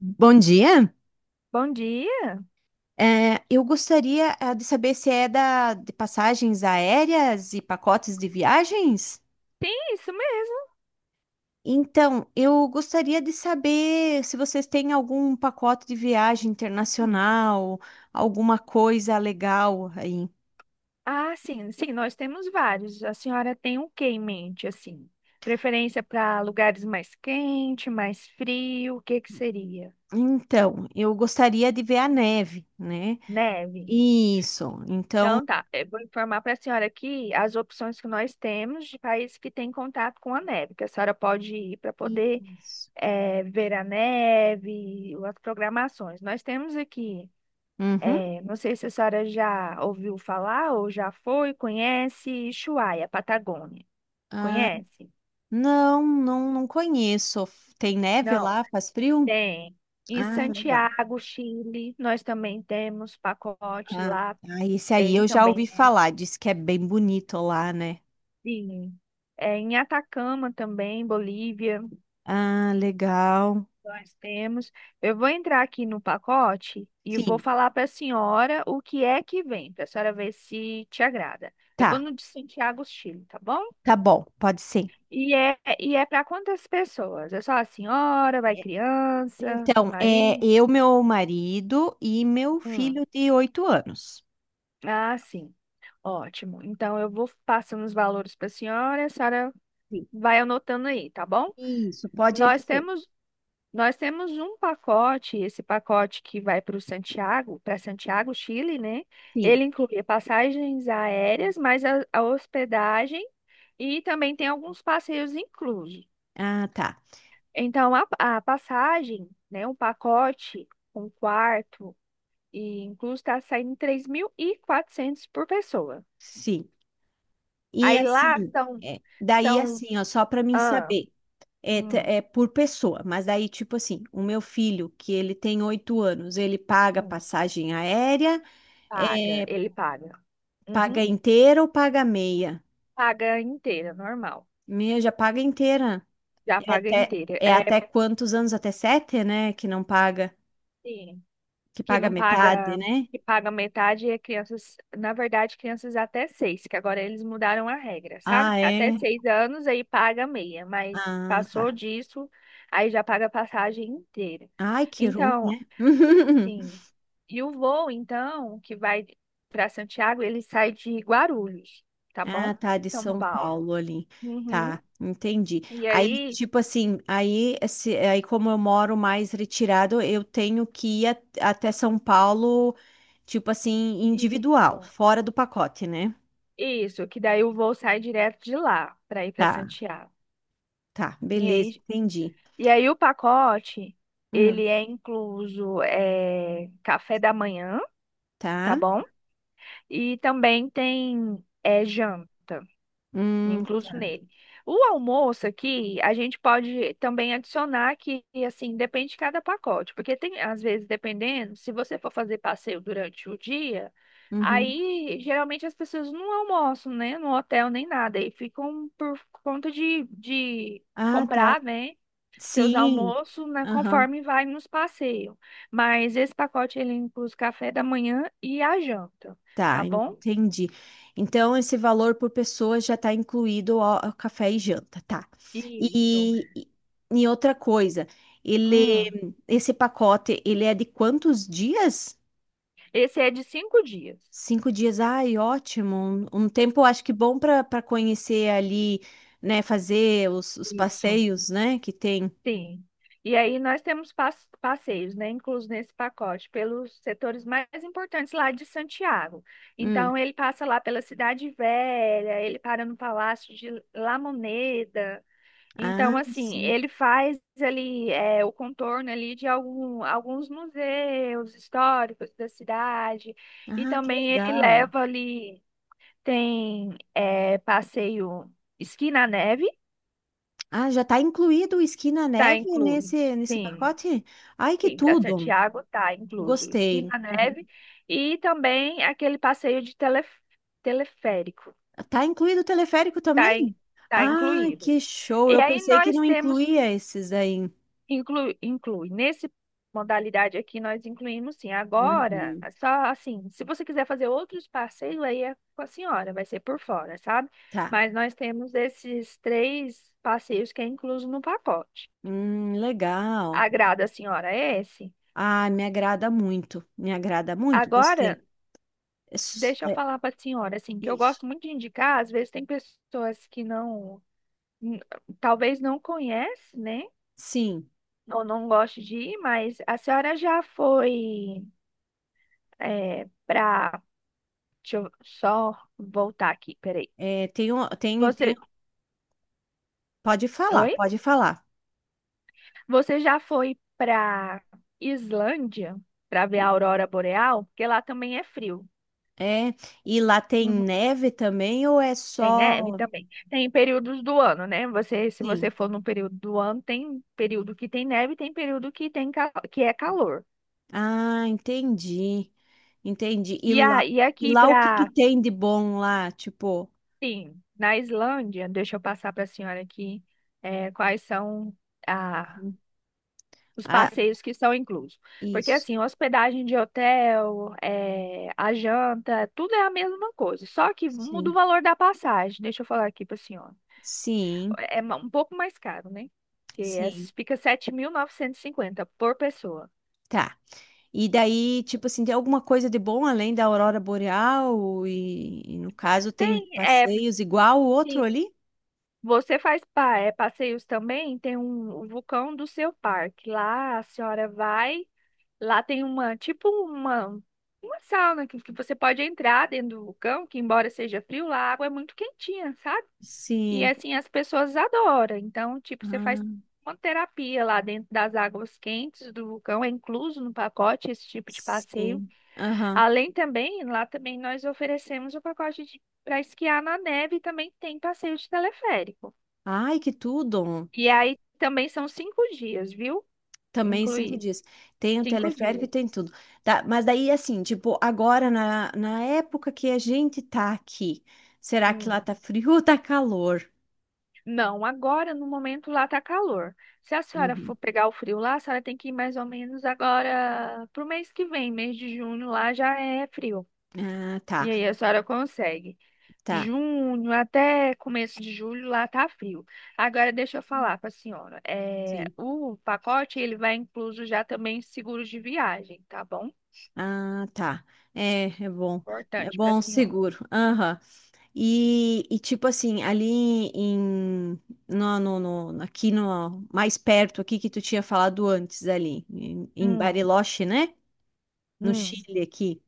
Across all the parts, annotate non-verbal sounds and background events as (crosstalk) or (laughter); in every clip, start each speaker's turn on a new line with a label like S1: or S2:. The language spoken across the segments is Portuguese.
S1: Bom dia.
S2: Bom dia.
S1: Eu gostaria de saber se é de passagens aéreas e pacotes de viagens.
S2: Tem isso mesmo.
S1: Então, eu gostaria de saber se vocês têm algum pacote de viagem internacional, alguma coisa legal aí.
S2: Ah, sim, sim, nós temos vários. A senhora tem o que em mente, assim? Preferência para lugares mais quente, mais frio, o que que seria?
S1: Então, eu gostaria de ver a neve, né?
S2: Neve.
S1: Isso. Então,
S2: Então tá, eu vou informar para a senhora aqui as opções que nós temos de países que têm contato com a neve, que a senhora pode ir para poder
S1: isso.
S2: ver a neve, as programações. Nós temos aqui.
S1: Uhum.
S2: Não sei se a senhora já ouviu falar ou já foi, conhece Ushuaia, Patagônia.
S1: Ah,
S2: Conhece?
S1: não, não, não conheço. Tem neve
S2: Não,
S1: lá? Faz frio?
S2: tem. Em
S1: Ah, legal.
S2: Santiago, Chile, nós também temos pacote
S1: Ah,
S2: lá,
S1: ah, esse aí
S2: tem
S1: eu já
S2: também.
S1: ouvi falar, diz que é bem bonito lá, né?
S2: Sim. Em Atacama também, Bolívia,
S1: Ah, legal.
S2: nós temos. Eu vou entrar aqui no pacote e vou
S1: Sim,
S2: falar para a senhora o que é que vem, para a senhora ver se te agrada. Eu vou
S1: tá,
S2: no de Santiago, Chile, tá bom?
S1: tá bom, pode ser.
S2: E é para quantas pessoas? É só a senhora, vai
S1: É,
S2: criança,
S1: Então, é
S2: marido?
S1: eu, meu marido e meu
S2: Hum.
S1: filho de 8 anos.
S2: Ah, sim. Ótimo. Então eu vou passando os valores para a senhora, e a senhora
S1: Sim.
S2: vai anotando aí, tá bom?
S1: Isso, pode
S2: Nós
S1: ser.
S2: temos nós temos um pacote, esse pacote que vai para o Santiago, para Santiago, Chile, né?
S1: Sim.
S2: Ele inclui passagens aéreas, mais a hospedagem e também tem alguns passeios inclusos.
S1: Ah, tá.
S2: Então, a passagem, né, um pacote, um quarto e incluso está saindo 3.400 por pessoa.
S1: Sim. E
S2: Aí lá
S1: assim,
S2: são,
S1: é, daí
S2: são,
S1: assim, ó, só para mim
S2: ah,
S1: saber,
S2: hum,
S1: é por pessoa, mas daí, tipo assim, o meu filho, que ele tem 8 anos, ele paga
S2: hum,
S1: passagem aérea
S2: paga,
S1: é.
S2: ele paga.
S1: Paga
S2: Uhum,
S1: inteira ou paga meia?
S2: paga inteira, normal.
S1: Meia já paga inteira.
S2: Já paga inteira.
S1: É
S2: É,
S1: até quantos anos? Até sete, né? Que não paga,
S2: sim.
S1: que
S2: Que
S1: paga
S2: não
S1: metade,
S2: paga,
S1: né?
S2: que paga metade, e é crianças, na verdade, crianças até seis, que agora eles mudaram a regra, sabe?
S1: Ah,
S2: Até
S1: é?
S2: 6 anos aí paga meia, mas
S1: Ah,
S2: passou
S1: tá.
S2: disso, aí já paga a passagem inteira.
S1: Ai, que ruim,
S2: Então,
S1: né? (laughs)
S2: sim. E o voo, então, que vai para Santiago, ele sai de Guarulhos, tá bom?
S1: Ah, tá, de
S2: São
S1: São
S2: Paulo.
S1: Paulo ali.
S2: Uhum.
S1: Tá, entendi.
S2: E
S1: Aí,
S2: aí,
S1: tipo assim, aí, se- aí como eu moro mais retirado, eu tenho que ir até São Paulo, tipo assim, individual,
S2: isso,
S1: fora do pacote, né?
S2: isso, que daí o voo sai direto de lá para ir para
S1: Tá,
S2: Santiago.
S1: tá,
S2: E
S1: beleza,
S2: aí
S1: entendi.
S2: E aí o pacote,
S1: Hum,
S2: ele é incluso café da manhã, tá
S1: tá.
S2: bom? E também tem janta
S1: Hum,
S2: incluso nele. O almoço aqui, a gente pode também adicionar que, assim, depende de cada pacote, porque tem, às vezes, dependendo, se você for fazer passeio durante o dia,
S1: uhum.
S2: aí geralmente as pessoas não almoçam, né, no hotel nem nada, e ficam por conta de
S1: Ah, tá.
S2: comprar, né, seus
S1: Sim.
S2: almoços, né,
S1: Aham.
S2: conforme vai nos passeios. Mas esse pacote, ele inclui o café da manhã e a janta, tá
S1: Tá,
S2: bom?
S1: entendi. Então, esse valor por pessoa já está incluído ao café e janta, tá?
S2: Isso.
S1: E, e, e outra coisa,
S2: Hum.
S1: esse pacote, ele é de quantos dias?
S2: Esse é de 5 dias.
S1: 5 dias. Ai, ótimo. Um tempo, acho que bom para conhecer ali, né? Fazer os
S2: Isso.
S1: passeios, né? Que tem.
S2: Sim. E aí nós temos passeios, né, inclusos nesse pacote, pelos setores mais importantes lá de Santiago.
S1: Hum.
S2: Então ele passa lá pela Cidade Velha, ele para no Palácio de La Moneda.
S1: Ah,
S2: Então assim,
S1: sim.
S2: ele faz ali o contorno ali de algum, alguns museus históricos da cidade. E
S1: Ah, que
S2: também ele
S1: legal.
S2: leva ali tem passeio esqui na neve.
S1: Ah, já está incluído o esqui na
S2: Tá
S1: neve
S2: incluído.
S1: nesse
S2: Sim,
S1: pacote? Ai, que
S2: sim, para
S1: tudo!
S2: Santiago tá incluso esqui
S1: Gostei.
S2: na
S1: Uhum.
S2: neve e também aquele passeio de teleférico.
S1: Tá incluído o teleférico
S2: tá, in-
S1: também?
S2: tá
S1: Ah,
S2: incluído.
S1: que show!
S2: E
S1: Eu
S2: aí
S1: pensei que
S2: nós
S1: não
S2: temos
S1: incluía esses daí.
S2: inclui nesse modalidade aqui nós incluímos sim. Agora,
S1: Uhum.
S2: só assim, se você quiser fazer outros passeios aí é com a senhora, vai ser por fora, sabe?
S1: Tá.
S2: Mas nós temos esses três passeios que é incluso no pacote.
S1: Legal.
S2: Agrada a senhora esse?
S1: Ah, me agrada muito. Me agrada muito.
S2: Agora
S1: Gostei. Es-
S2: deixa eu
S1: é,
S2: falar para a senhora, assim, que eu
S1: isso.
S2: gosto muito de indicar, às vezes tem pessoas que não, n- talvez não conhece, né?
S1: Sim.
S2: Ou não goste de ir, mas a senhora já foi é, para. Deixa eu só voltar aqui, peraí.
S1: É, tem, tem.
S2: Você.
S1: Pode falar,
S2: Oi?
S1: pode falar.
S2: Você já foi para Islândia para ver a aurora boreal? Porque lá também é frio.
S1: É. E lá tem neve também ou é
S2: Tem neve
S1: só?
S2: também. Tem períodos do ano, né? Você, se
S1: Sim.
S2: você for no período do ano, tem período que tem neve, tem período que tem que é calor.
S1: Ah, entendi. Entendi.
S2: E, a, e
S1: E
S2: aqui
S1: lá o que que
S2: para,
S1: tem de bom lá? Tipo,
S2: sim, na Islândia, deixa eu passar para a senhora aqui quais são a,
S1: uhum.
S2: os
S1: Ah,
S2: passeios que são inclusos. Porque
S1: isso.
S2: assim, hospedagem de hotel, é, a janta, tudo é a mesma coisa, só que muda o
S1: Sim.
S2: valor da passagem. Deixa eu falar aqui para a senhora.
S1: Sim,
S2: Um pouco mais caro, né? Que
S1: sim.
S2: essa fica 7.950 por pessoa.
S1: Tá. E daí, tipo assim, tem alguma coisa de bom além da aurora boreal? E no caso, tem
S2: Tem, é,
S1: passeios igual o outro
S2: sim,
S1: ali?
S2: você faz passeios também, tem um, o vulcão do seu parque. Lá a senhora vai, lá tem uma, tipo uma sauna que você pode entrar dentro do vulcão, que embora seja frio, lá a água é muito quentinha, sabe? E
S1: Sim.
S2: assim, as pessoas adoram. Então, tipo, você faz
S1: Ah,
S2: uma terapia lá dentro das águas quentes do vulcão, é incluso no pacote esse tipo de passeio.
S1: sim. Aham.
S2: Além também, lá também nós oferecemos o pacote de para esquiar na neve e também tem passeio de teleférico.
S1: Ai, que tudo.
S2: E aí também são 5 dias, viu?
S1: Também cinco
S2: Incluir.
S1: dias. Tem o
S2: Cinco
S1: teleférico e
S2: dias.
S1: tem tudo. Tá, mas daí, assim, tipo, agora na época que a gente tá aqui, será que lá
S2: Hum.
S1: tá frio ou tá calor?
S2: Não, agora no momento lá tá calor. Se a senhora
S1: Uhum.
S2: for pegar o frio lá, a senhora tem que ir mais ou menos agora pro mês que vem, mês de junho lá já é frio.
S1: Ah, tá,
S2: E aí a senhora consegue.
S1: tá.
S2: Junho até começo de julho lá tá frio. Agora deixa eu falar para a senhora. É,
S1: Sim.
S2: o pacote ele vai incluso já também seguros de viagem, tá bom?
S1: Ah, tá. É, é bom. É
S2: Importante para a
S1: bom,
S2: senhora.
S1: seguro. Aham. Tipo assim, ali em no, no, aqui no mais perto aqui que tu tinha falado antes ali, em
S2: Hum,
S1: Bariloche, né? No
S2: hum,
S1: Chile aqui.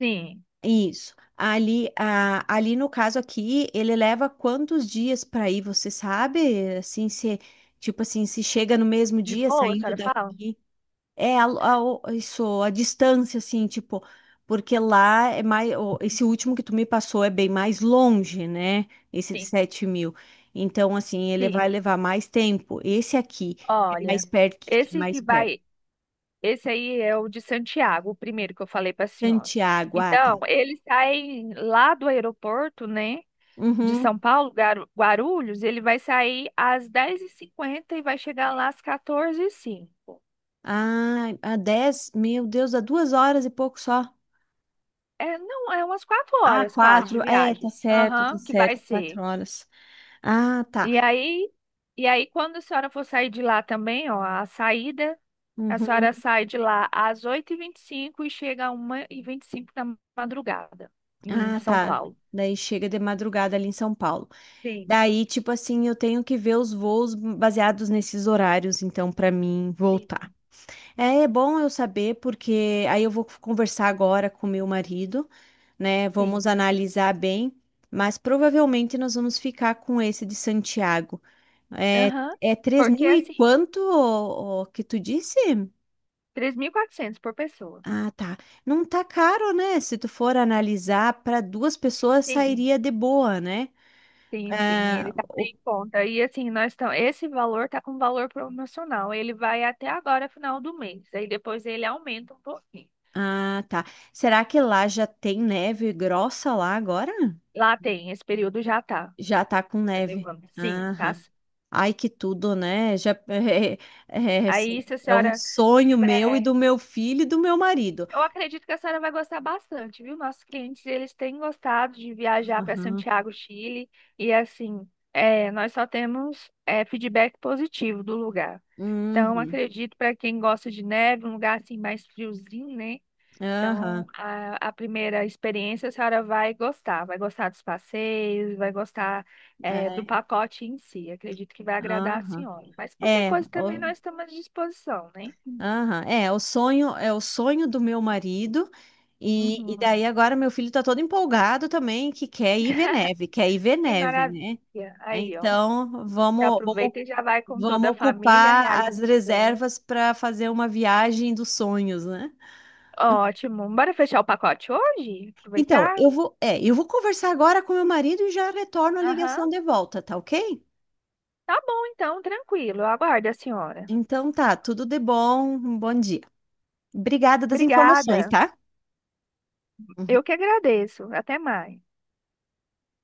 S2: sim.
S1: Isso. Ali, ali no caso aqui, ele leva quantos dias para ir, você sabe? Assim, se, tipo assim, se chega no mesmo
S2: De
S1: dia
S2: boa, a
S1: saindo
S2: senhora fala?
S1: daqui. É isso, a distância, assim, tipo, porque lá é mais. Esse último que tu me passou é bem mais longe, né? Esse de
S2: Sim,
S1: 7 mil. Então, assim, ele
S2: sim.
S1: vai levar mais tempo. Esse aqui é mais
S2: Olha,
S1: perto de que é
S2: esse
S1: mais
S2: que
S1: perto.
S2: vai, esse aí é o de Santiago, o primeiro que eu falei para a senhora.
S1: Santiago, ah, tá.
S2: Então, eles saem lá do aeroporto, né? De
S1: Uhum.
S2: São Paulo, Guarulhos, ele vai sair às 10:50 e vai chegar lá às 14 e cinco.
S1: Ah, a 10, meu Deus, dá 2 horas e pouco só.
S2: É, não, é umas quatro
S1: Ah,
S2: horas quase
S1: quatro,
S2: de
S1: é,
S2: viagem.
S1: tá
S2: Aham, que vai
S1: certo, quatro
S2: ser.
S1: horas. Ah, tá.
S2: E aí, e aí, quando a senhora for sair de lá também, ó, a saída, a
S1: Uhum.
S2: senhora sai de lá às 8:25 e chega a 1:25 da madrugada em
S1: Ah,
S2: São
S1: tá.
S2: Paulo.
S1: Daí chega de madrugada ali em São Paulo.
S2: Sim,
S1: Daí, tipo assim, eu tenho que ver os voos baseados nesses horários, então, pra mim
S2: sim,
S1: voltar. É, é bom eu saber, porque aí eu vou conversar agora com meu marido, né?
S2: sim.
S1: Vamos analisar bem, mas provavelmente nós vamos ficar com esse de Santiago. É,
S2: Aham,
S1: é 3
S2: porque
S1: mil e
S2: assim,
S1: quanto ô, ô, que tu disse?
S2: 3.400 por pessoa.
S1: Ah, tá. Não tá caro, né? Se tu for analisar, para duas pessoas
S2: Sim.
S1: sairia de boa, né?
S2: Sim, sim,
S1: Ah,
S2: ele tá
S1: o-
S2: sem conta. E assim, nós estamos. Esse valor tá com valor promocional. Ele vai até agora, final do mês. Aí depois ele aumenta um pouquinho.
S1: ah, tá. Será que lá já tem neve grossa lá agora?
S2: Lá tem, esse período já tá.
S1: Já tá com
S2: Tá
S1: neve.
S2: levando. Sim, tá.
S1: Aham. Ai, que tudo, né? Já (laughs) é, assim,
S2: Aí, se a
S1: é um
S2: senhora
S1: sonho meu e
S2: tiver.
S1: do meu filho e do meu marido.
S2: Eu acredito que a senhora vai gostar bastante, viu? Nossos clientes, eles têm gostado de viajar para
S1: Aham,
S2: Santiago, Chile. E assim, nós só temos feedback positivo do lugar. Então,
S1: uhum,
S2: acredito para quem gosta de neve, um lugar assim mais friozinho, né? Então,
S1: aham,
S2: a primeira experiência a senhora vai gostar dos passeios, vai gostar do
S1: é,
S2: pacote em si. Acredito que vai agradar a
S1: aham.
S2: senhora. Mas qualquer
S1: É,
S2: coisa também
S1: o,
S2: nós estamos à disposição, né?
S1: aham, é o sonho do meu marido. E daí
S2: Uhum.
S1: agora meu filho tá todo empolgado também, que quer ir ver neve, quer ir ver
S2: Que
S1: neve, né?
S2: maravilha. Aí, ó.
S1: Então,
S2: Já
S1: vamos, vamos,
S2: aproveita e já vai com toda
S1: vamos
S2: a família,
S1: ocupar as
S2: realiza o plano.
S1: reservas para fazer uma viagem dos sonhos, né?
S2: Ótimo. Bora fechar o pacote hoje?
S1: Então,
S2: Aproveitar?
S1: eu vou, eu vou conversar agora com meu marido e já retorno a
S2: Aham.
S1: ligação de volta, tá ok?
S2: Tá bom, então, tranquilo. Eu aguardo a senhora.
S1: Então tá, tudo de bom, um bom dia. Obrigada das informações,
S2: Obrigada.
S1: tá?
S2: Eu que agradeço. Até mais.